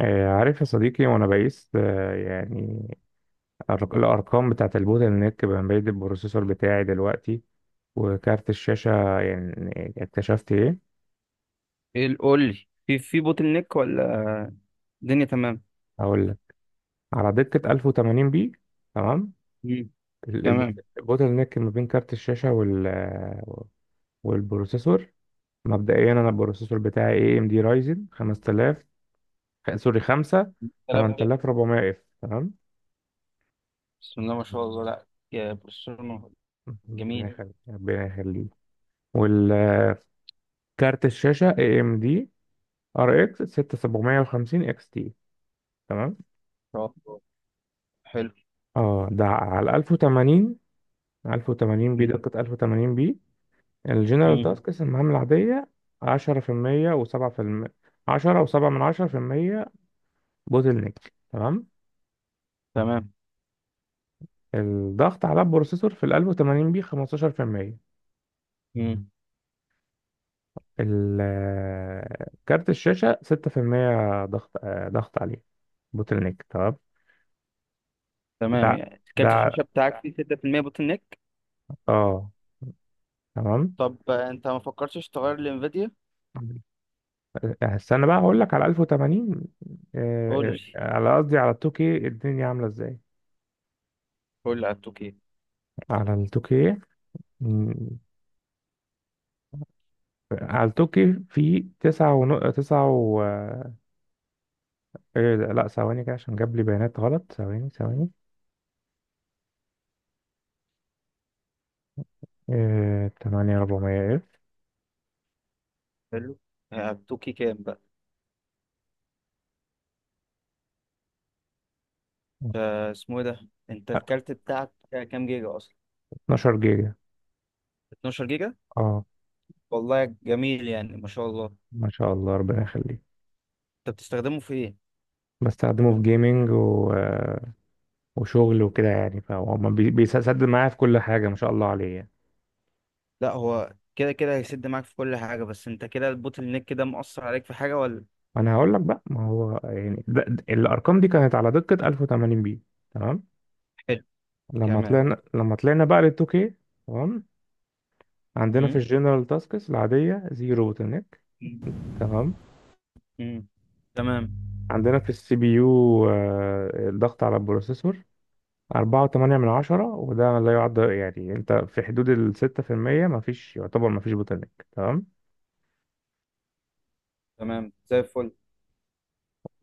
عارف يا صديقي، وانا بقيس يعني الارقام بتاعه البوتل نيك بين البروسيسور بتاعي دلوقتي وكارت الشاشه، يعني اكتشفت ايه؟ ايه قول لي في بوتل نيك ولا الدنيا تمام. هقول لك. على دقه 1080 بي، تمام. مم. ال- ال- تمام. البوتل نيك ما بين كارت الشاشه والبروسيسور. مبدئيا انا البروسيسور بتاعي اي ام دي رايزن 5000، سوري 5 كلام كده. 8400 اف، تمام. بسم الله ما شاء الله، لا يا بروسيرنو. ربنا جميل. يخليك ربنا يخليك. والكارت الشاشه اي ام دي ار اكس 6750 اكس تي، تمام. رائع. حلو. اه، ده على 1080 1080 بي، مم. دقة 1080 بي. الجنرال مم. تاسكس المهام العادية 10% و7%، 10 و7 من 10%، بوتل نيك، تمام. تمام. الضغط على البروسيسور في ال 1080 بي 15%. مم. ال- كارت الشاشة 6% ضغط عليه، بوتل نيك، تمام. تمام، ده يعني كارت ده الشاشه بتاعك فيه 6% بوتل نيك؟ اه تمام. طب انت ما فكرتش تغير لانفيديا؟ استنى بقى، هقول لك على 1080. قول آه، لي. أه، على قصدي على 2K، الدنيا عاملة ازاي؟ قول لي على التوكي. على ال 2K، مم، على ال 2K في تسعة و... إيه ده؟ لا، ثواني كده عشان جاب لي بيانات غلط. ثواني ثواني. إيه... 8400 اف. حلو. على التوكي كام بقى؟ اسمه ايه ده؟ انت الكارت بتاعك كام جيجا اصلا؟ 12 جيجا، 12 جيجا؟ اه والله جميل، يعني ما شاء الله. ما شاء الله، ربنا يخليك. انت بتستخدمه في ايه؟ بستخدمه في جيمنج و... آه، وشغل وكده يعني، فهو ما بي- بيسدد معايا في كل حاجة، ما شاء الله عليه يعني. لا، هو كده كده هيسد معاك في كل حاجة، بس انت كده البوتل نيك كده مؤثر عليك في حاجة ولا؟ ما انا هقول لك بقى، ما هو يعني الارقام دي كانت على دقة 1080 بي، تمام. حلو. كمان. لما طلعنا بقى لل 2K، تمام. عندنا في امم. الجنرال تاسكس العادية زيرو بوتلنيك، مم. تمام. امم. تمام. عندنا في السي بي يو الضغط على البروسيسور 4.8 من 10، وده لا يعد، يعني انت في حدود ال 6%، ما فيش، يعتبر ما فيش بوتلنيك، تمام. تمام، زي الفل.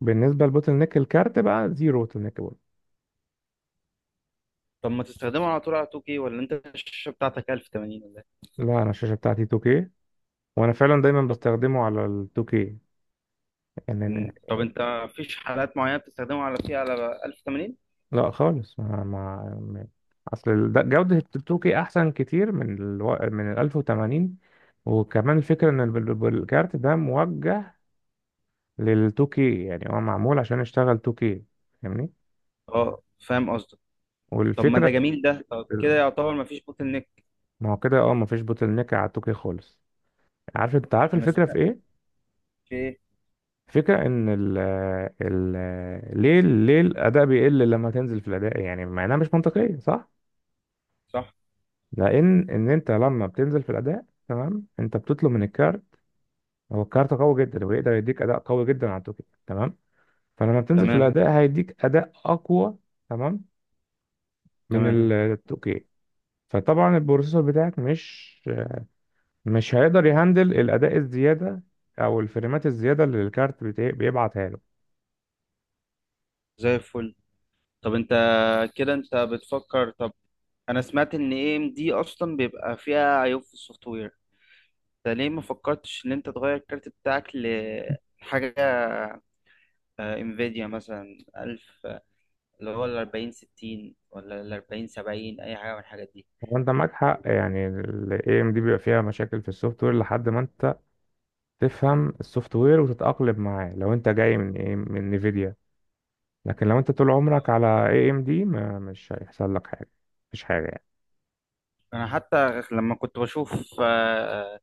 بالنسبة للبوتلنيك الكارت بقى زيرو بوتلنيك برضه. طب ما تستخدمه على طول على 2K ولا انت الشاشة بتاعتك 1080 ولا ايه؟ لا، انا الشاشة بتاعتي 2K، وانا فعلا دايما طب. بستخدمه على ال 2K. مم. طب انت مفيش حالات معينة بتستخدمه على فيها على 1080؟ لا خالص، اصل ده جودة التوكي احسن كتير من ال 1080. وكمان الفكرة ان الكارت ده موجه للتوكي، يعني هو معمول عشان يشتغل توكي، فاهمني؟ اه، فاهم قصدك. طب ما والفكرة، ده جميل ده، طب كده يعتبر مفيش بوتل نيك. ما هو كده، مفيش بوتل نيك على التوكي خالص. انت عارف انا الفكرة في سمعت. ايه؟ في ايه؟ فكرة ان ال ليه الاداء بيقل لما تنزل في الاداء، يعني مع انها مش منطقية، صح؟ صح. لان انت لما بتنزل في الاداء، تمام، انت بتطلب من الكارت. هو الكارت قوي جدا، ويقدر يديك اداء قوي جدا على التوكي، تمام. فلما بتنزل في، تمام، تمام. الاداء هيديك اداء اقوى، تمام، من تمام، التوكي. فطبعا البروسيسور بتاعك مش هيقدر يهندل الاداء الزياده، او الفريمات الزياده اللي الكارت بيبعتها له. زي الفل. طب انت كده انت بتفكر، طب انا سمعت ان اي ام دي اصلا بيبقى فيها عيوب في السوفت وير. انت ليه ما فكرتش ان انت تغير الكارت بتاعك لحاجه انفيديا، مثلا 1000 اللي هو ال 40 60، ولا ال 40 70، اي حاجه من الحاجات دي؟ وانت معاك حق، يعني ال AMD بيبقى فيها مشاكل في السوفت وير لحد ما انت تفهم السوفت وير وتتأقلم معاه، لو انت جاي من نيفيديا. لكن لو انت طول عمرك على AMD، ما مش هيحصل لك حاجه، مفيش حاجه يعني. انا حتى لما كنت بشوف آه،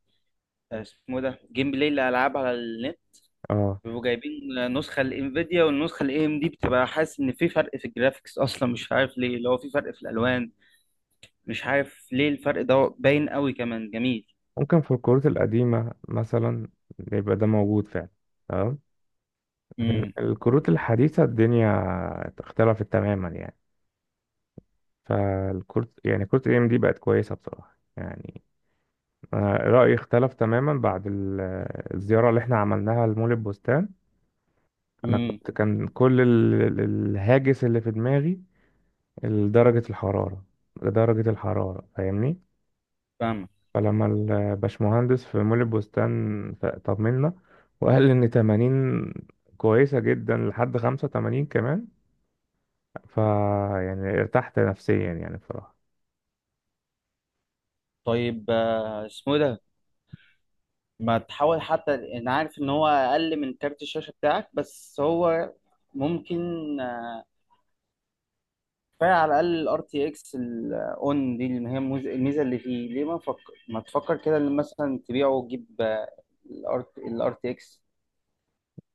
آه، اسمه إيه ده، جيم بلاي للالعاب على النت، اه بيبقوا جايبين نسخه الانفيديا والنسخه الاي ام دي، بتبقى حاسس ان في فرق في الجرافيكس اصلا، مش عارف ليه، اللي هو في فرق في الالوان. مش عارف ليه الفرق ده باين قوي كمان. جميل. ممكن في الكروت القديمة مثلا يبقى ده موجود فعلا، تمام. لكن امم. الكروت الحديثة الدنيا اختلفت تماما يعني. فالكروت، يعني كروت ام دي بقت كويسة بصراحة يعني. أنا رأيي اختلف تماما بعد الزيارة اللي احنا عملناها لمول البستان. أنا امم. كان كل الهاجس اللي في دماغي درجة الحرارة، درجة الحرارة، فاهمني؟ فاهمك. فلما الباشمهندس في مول البستان طمنا، وقال إن 80 كويسة جدا، لحد 85 كمان. ف يعني ارتحت نفسيا يعني، بصراحة. طيب، اسمه إيه ده، ما تحاول. حتى انا عارف ان هو اقل من كارت الشاشه بتاعك، بس هو ممكن آه، كفايه، على الاقل الار تي اكس الاون دي، اللي هي الميزه اللي فيه. ليه ما تفكر كده ان مثلا تبيعه وتجيب الار تي اكس؟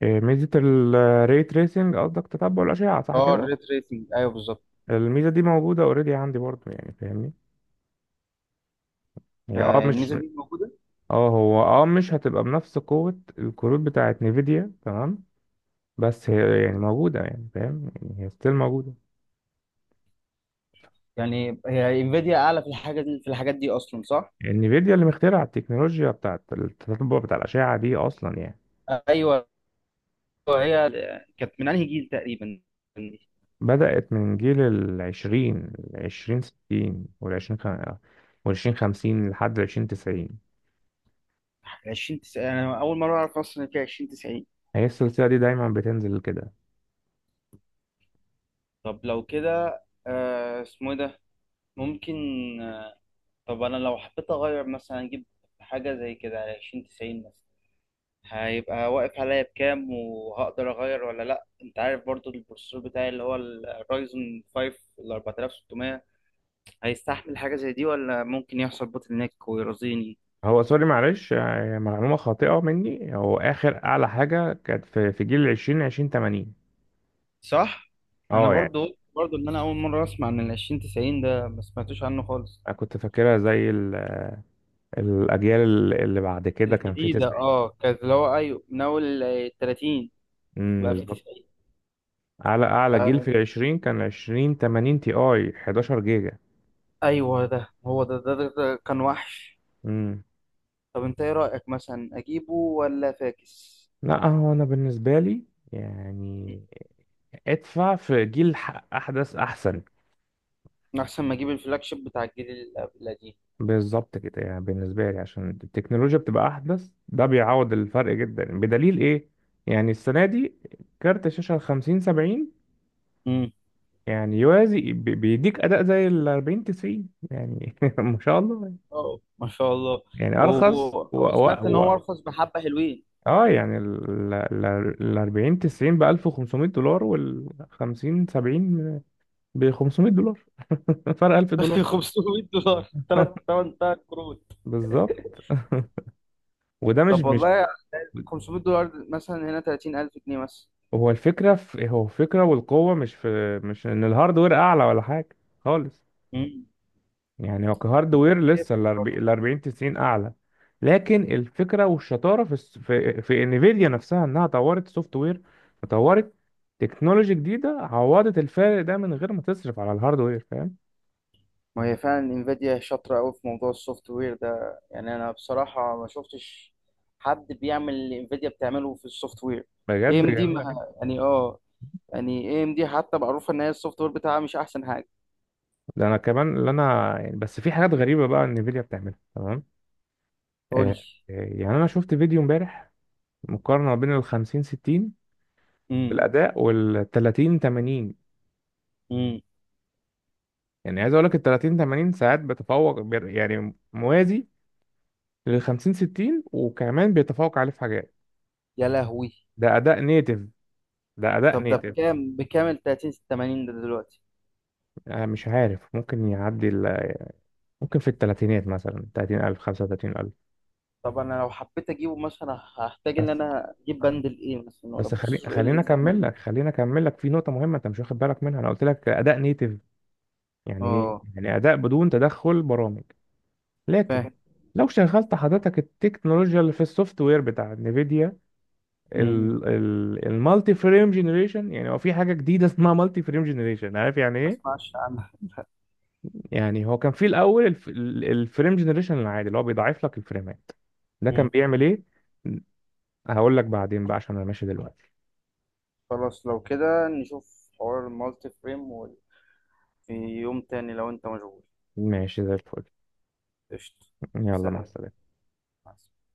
ميزة الري تريسنج، قصدك تتبع الأشعة، صح اه، كده؟ الريت ريسنج، ايوه بالظبط. الميزة دي موجودة اوريدي عندي برضه يعني، فاهمني؟ هي مش. الميزه دي موجوده. اه هو مش هتبقى بنفس قوة الكروت بتاعت نيفيديا، تمام؟ بس هي يعني موجودة، يعني فاهم؟ يعني هي ستيل موجودة. يعني هي انفيديا اعلى في الحاجه دي، في الحاجات دي اصلا، صح؟ انفيديا اللي مخترع التكنولوجيا بتاعت التتبع بتاع الأشعة دي أصلا يعني. ايوه. هي كانت من انهي جيل تقريبا؟ بدأت من جيل العشرين، العشرين ستين والعشرين خمسين لحد العشرين تسعين. 20 90؟ انا اول مره اعرف اصلا ان في 20 90. هي السلسلة دي دايما بتنزل كده. طب لو كده اسمه ايه ده، ممكن آه طب انا لو حبيت اغير، مثلا اجيب حاجه زي كده على 20 90 مثلا، هيبقى واقف عليا بكام، وهقدر اغير ولا لا؟ انت عارف برضو البروسيسور بتاعي اللي هو الرايزون 5 ال 4600، هيستحمل حاجه زي دي ولا ممكن يحصل بوتل نيك ويرضيني؟ هو سوري، معلش، يعني معلومة خاطئة مني. هو آخر أعلى حاجة كانت في جيل العشرين، عشرين تمانين. صح. انا يعني برضو قلت، برضو ان انا اول مره اسمع عن ال 20 90 ده، ما سمعتوش عنه خالص. أنا كنت فاكرها زي الأجيال اللي بعد كده كان في الجديده تسعين. اه، كانت اللي هو ايوه، من اول 30، بقى في بالظبط. 90. أعلى آه جيل في آه. العشرين كان عشرين تمانين تي آي، 11 جيجا. ايوه، ده هو ده, كان وحش. امم. طب انت ايه رايك، مثلا اجيبه ولا فاكس؟ لا، هو انا بالنسبه لي مم. يعني ادفع في جيل احدث احسن. احسن ما اجيب الفلاج شيب بتاع الجيل القديم. بالظبط كده، يعني بالنسبه لي عشان التكنولوجيا بتبقى احدث، ده بيعوض الفرق جدا. بدليل ايه؟ يعني السنه دي كارت شاشه ال 50 70 امم. يعني يوازي، بيديك اداء زي ال 40 90 يعني ما شاء الله. اه، ما شاء الله. يعني و- ارخص وسمعت ان هو ارخص، بحبه حلوين. اه يعني ال 40 90 ب $1500، وال 50 70 ب $500. فرق $1000. $500، ثلاث ثمان ثلاث كروت. بالظبط. وده مش طب مش والله، $500 مثلا هنا 30,000 جنيه مثلا. هو الفكرة في إيه؟ هو الفكرة والقوة مش، في مش ان الهاردوير اعلى ولا حاجة خالص. مم. يعني هو كهاردوير كتير. لسه ال كتير برضه. 40 ال 40 90 اعلى. لكن الفكرة والشطارة في انفيديا نفسها، انها طورت سوفت وير، وطورت تكنولوجي جديدة عوضت الفارق ده من غير ما تصرف على الهاردوير، فاهم؟ ما هي فعلا انفيديا شاطرة أوي في موضوع السوفت وير ده، يعني أنا بصراحة ما شفتش حد بيعمل اللي انفيديا بتعمله في السوفت وير. اي بجد ام دي ما، جميلة جدا. يعني اه، يعني اي ام دي حتى معروفة إن هي السوفت وير بتاعها مش أحسن حاجة. ده انا كمان، اللي انا يعني، بس في حاجات غريبة بقى انفيديا بتعملها، تمام. قول آه، لي. يعني انا شفت فيديو امبارح، مقارنه ما بين ال 50 60 في مم. الاداء وال 30 80. مم. يعني عايز اقول لك ال 30 80 ساعات بتفوق، يعني موازي لل 50 60، وكمان بيتفوق عليه في حاجات. يا لهوي. ده اداء نيتف، ده اداء طب ده نيتف. بكام، ال 30 80 ده دلوقتي؟ مش عارف، ممكن يعدي ممكن في الثلاثينات مثلا، 30,000 35,000. طب أنا لو حبيت أجيبه مثلا، هحتاج إن بس أنا أجيب بندل إيه مثلا، ولا بس خلي، بروسيسور إيه اللي يستحمله؟ خلينا اكمل لك في نقطه مهمه انت مش واخد بالك منها. انا قلت لك اداء نيتف، يعني ايه؟ اه، يعني اداء بدون تدخل برامج. فاهم. لكن لو شغلت حضرتك التكنولوجيا اللي في السوفت وير بتاع نفيديا، مم. المالتي فريم جنريشن، يعني هو في حاجه جديده اسمها مالتي فريم جنريشن، عارف يعني ما ايه؟ اسمعش عنها. يعني هو كان في الاول الفريم جنريشن العادي اللي هو بيضاعف لك الفريمات. ده كان مم. بيعمل ايه؟ هقول لك بعدين بقى عشان انا ماشي دلوقتي. خلاص، لو كده نشوف حوار المالتي فريم في يوم تاني، لو انت مشغول. ماشي زي الفل. قشطة. يلا، مع سلام. السلامه. مع السلامة.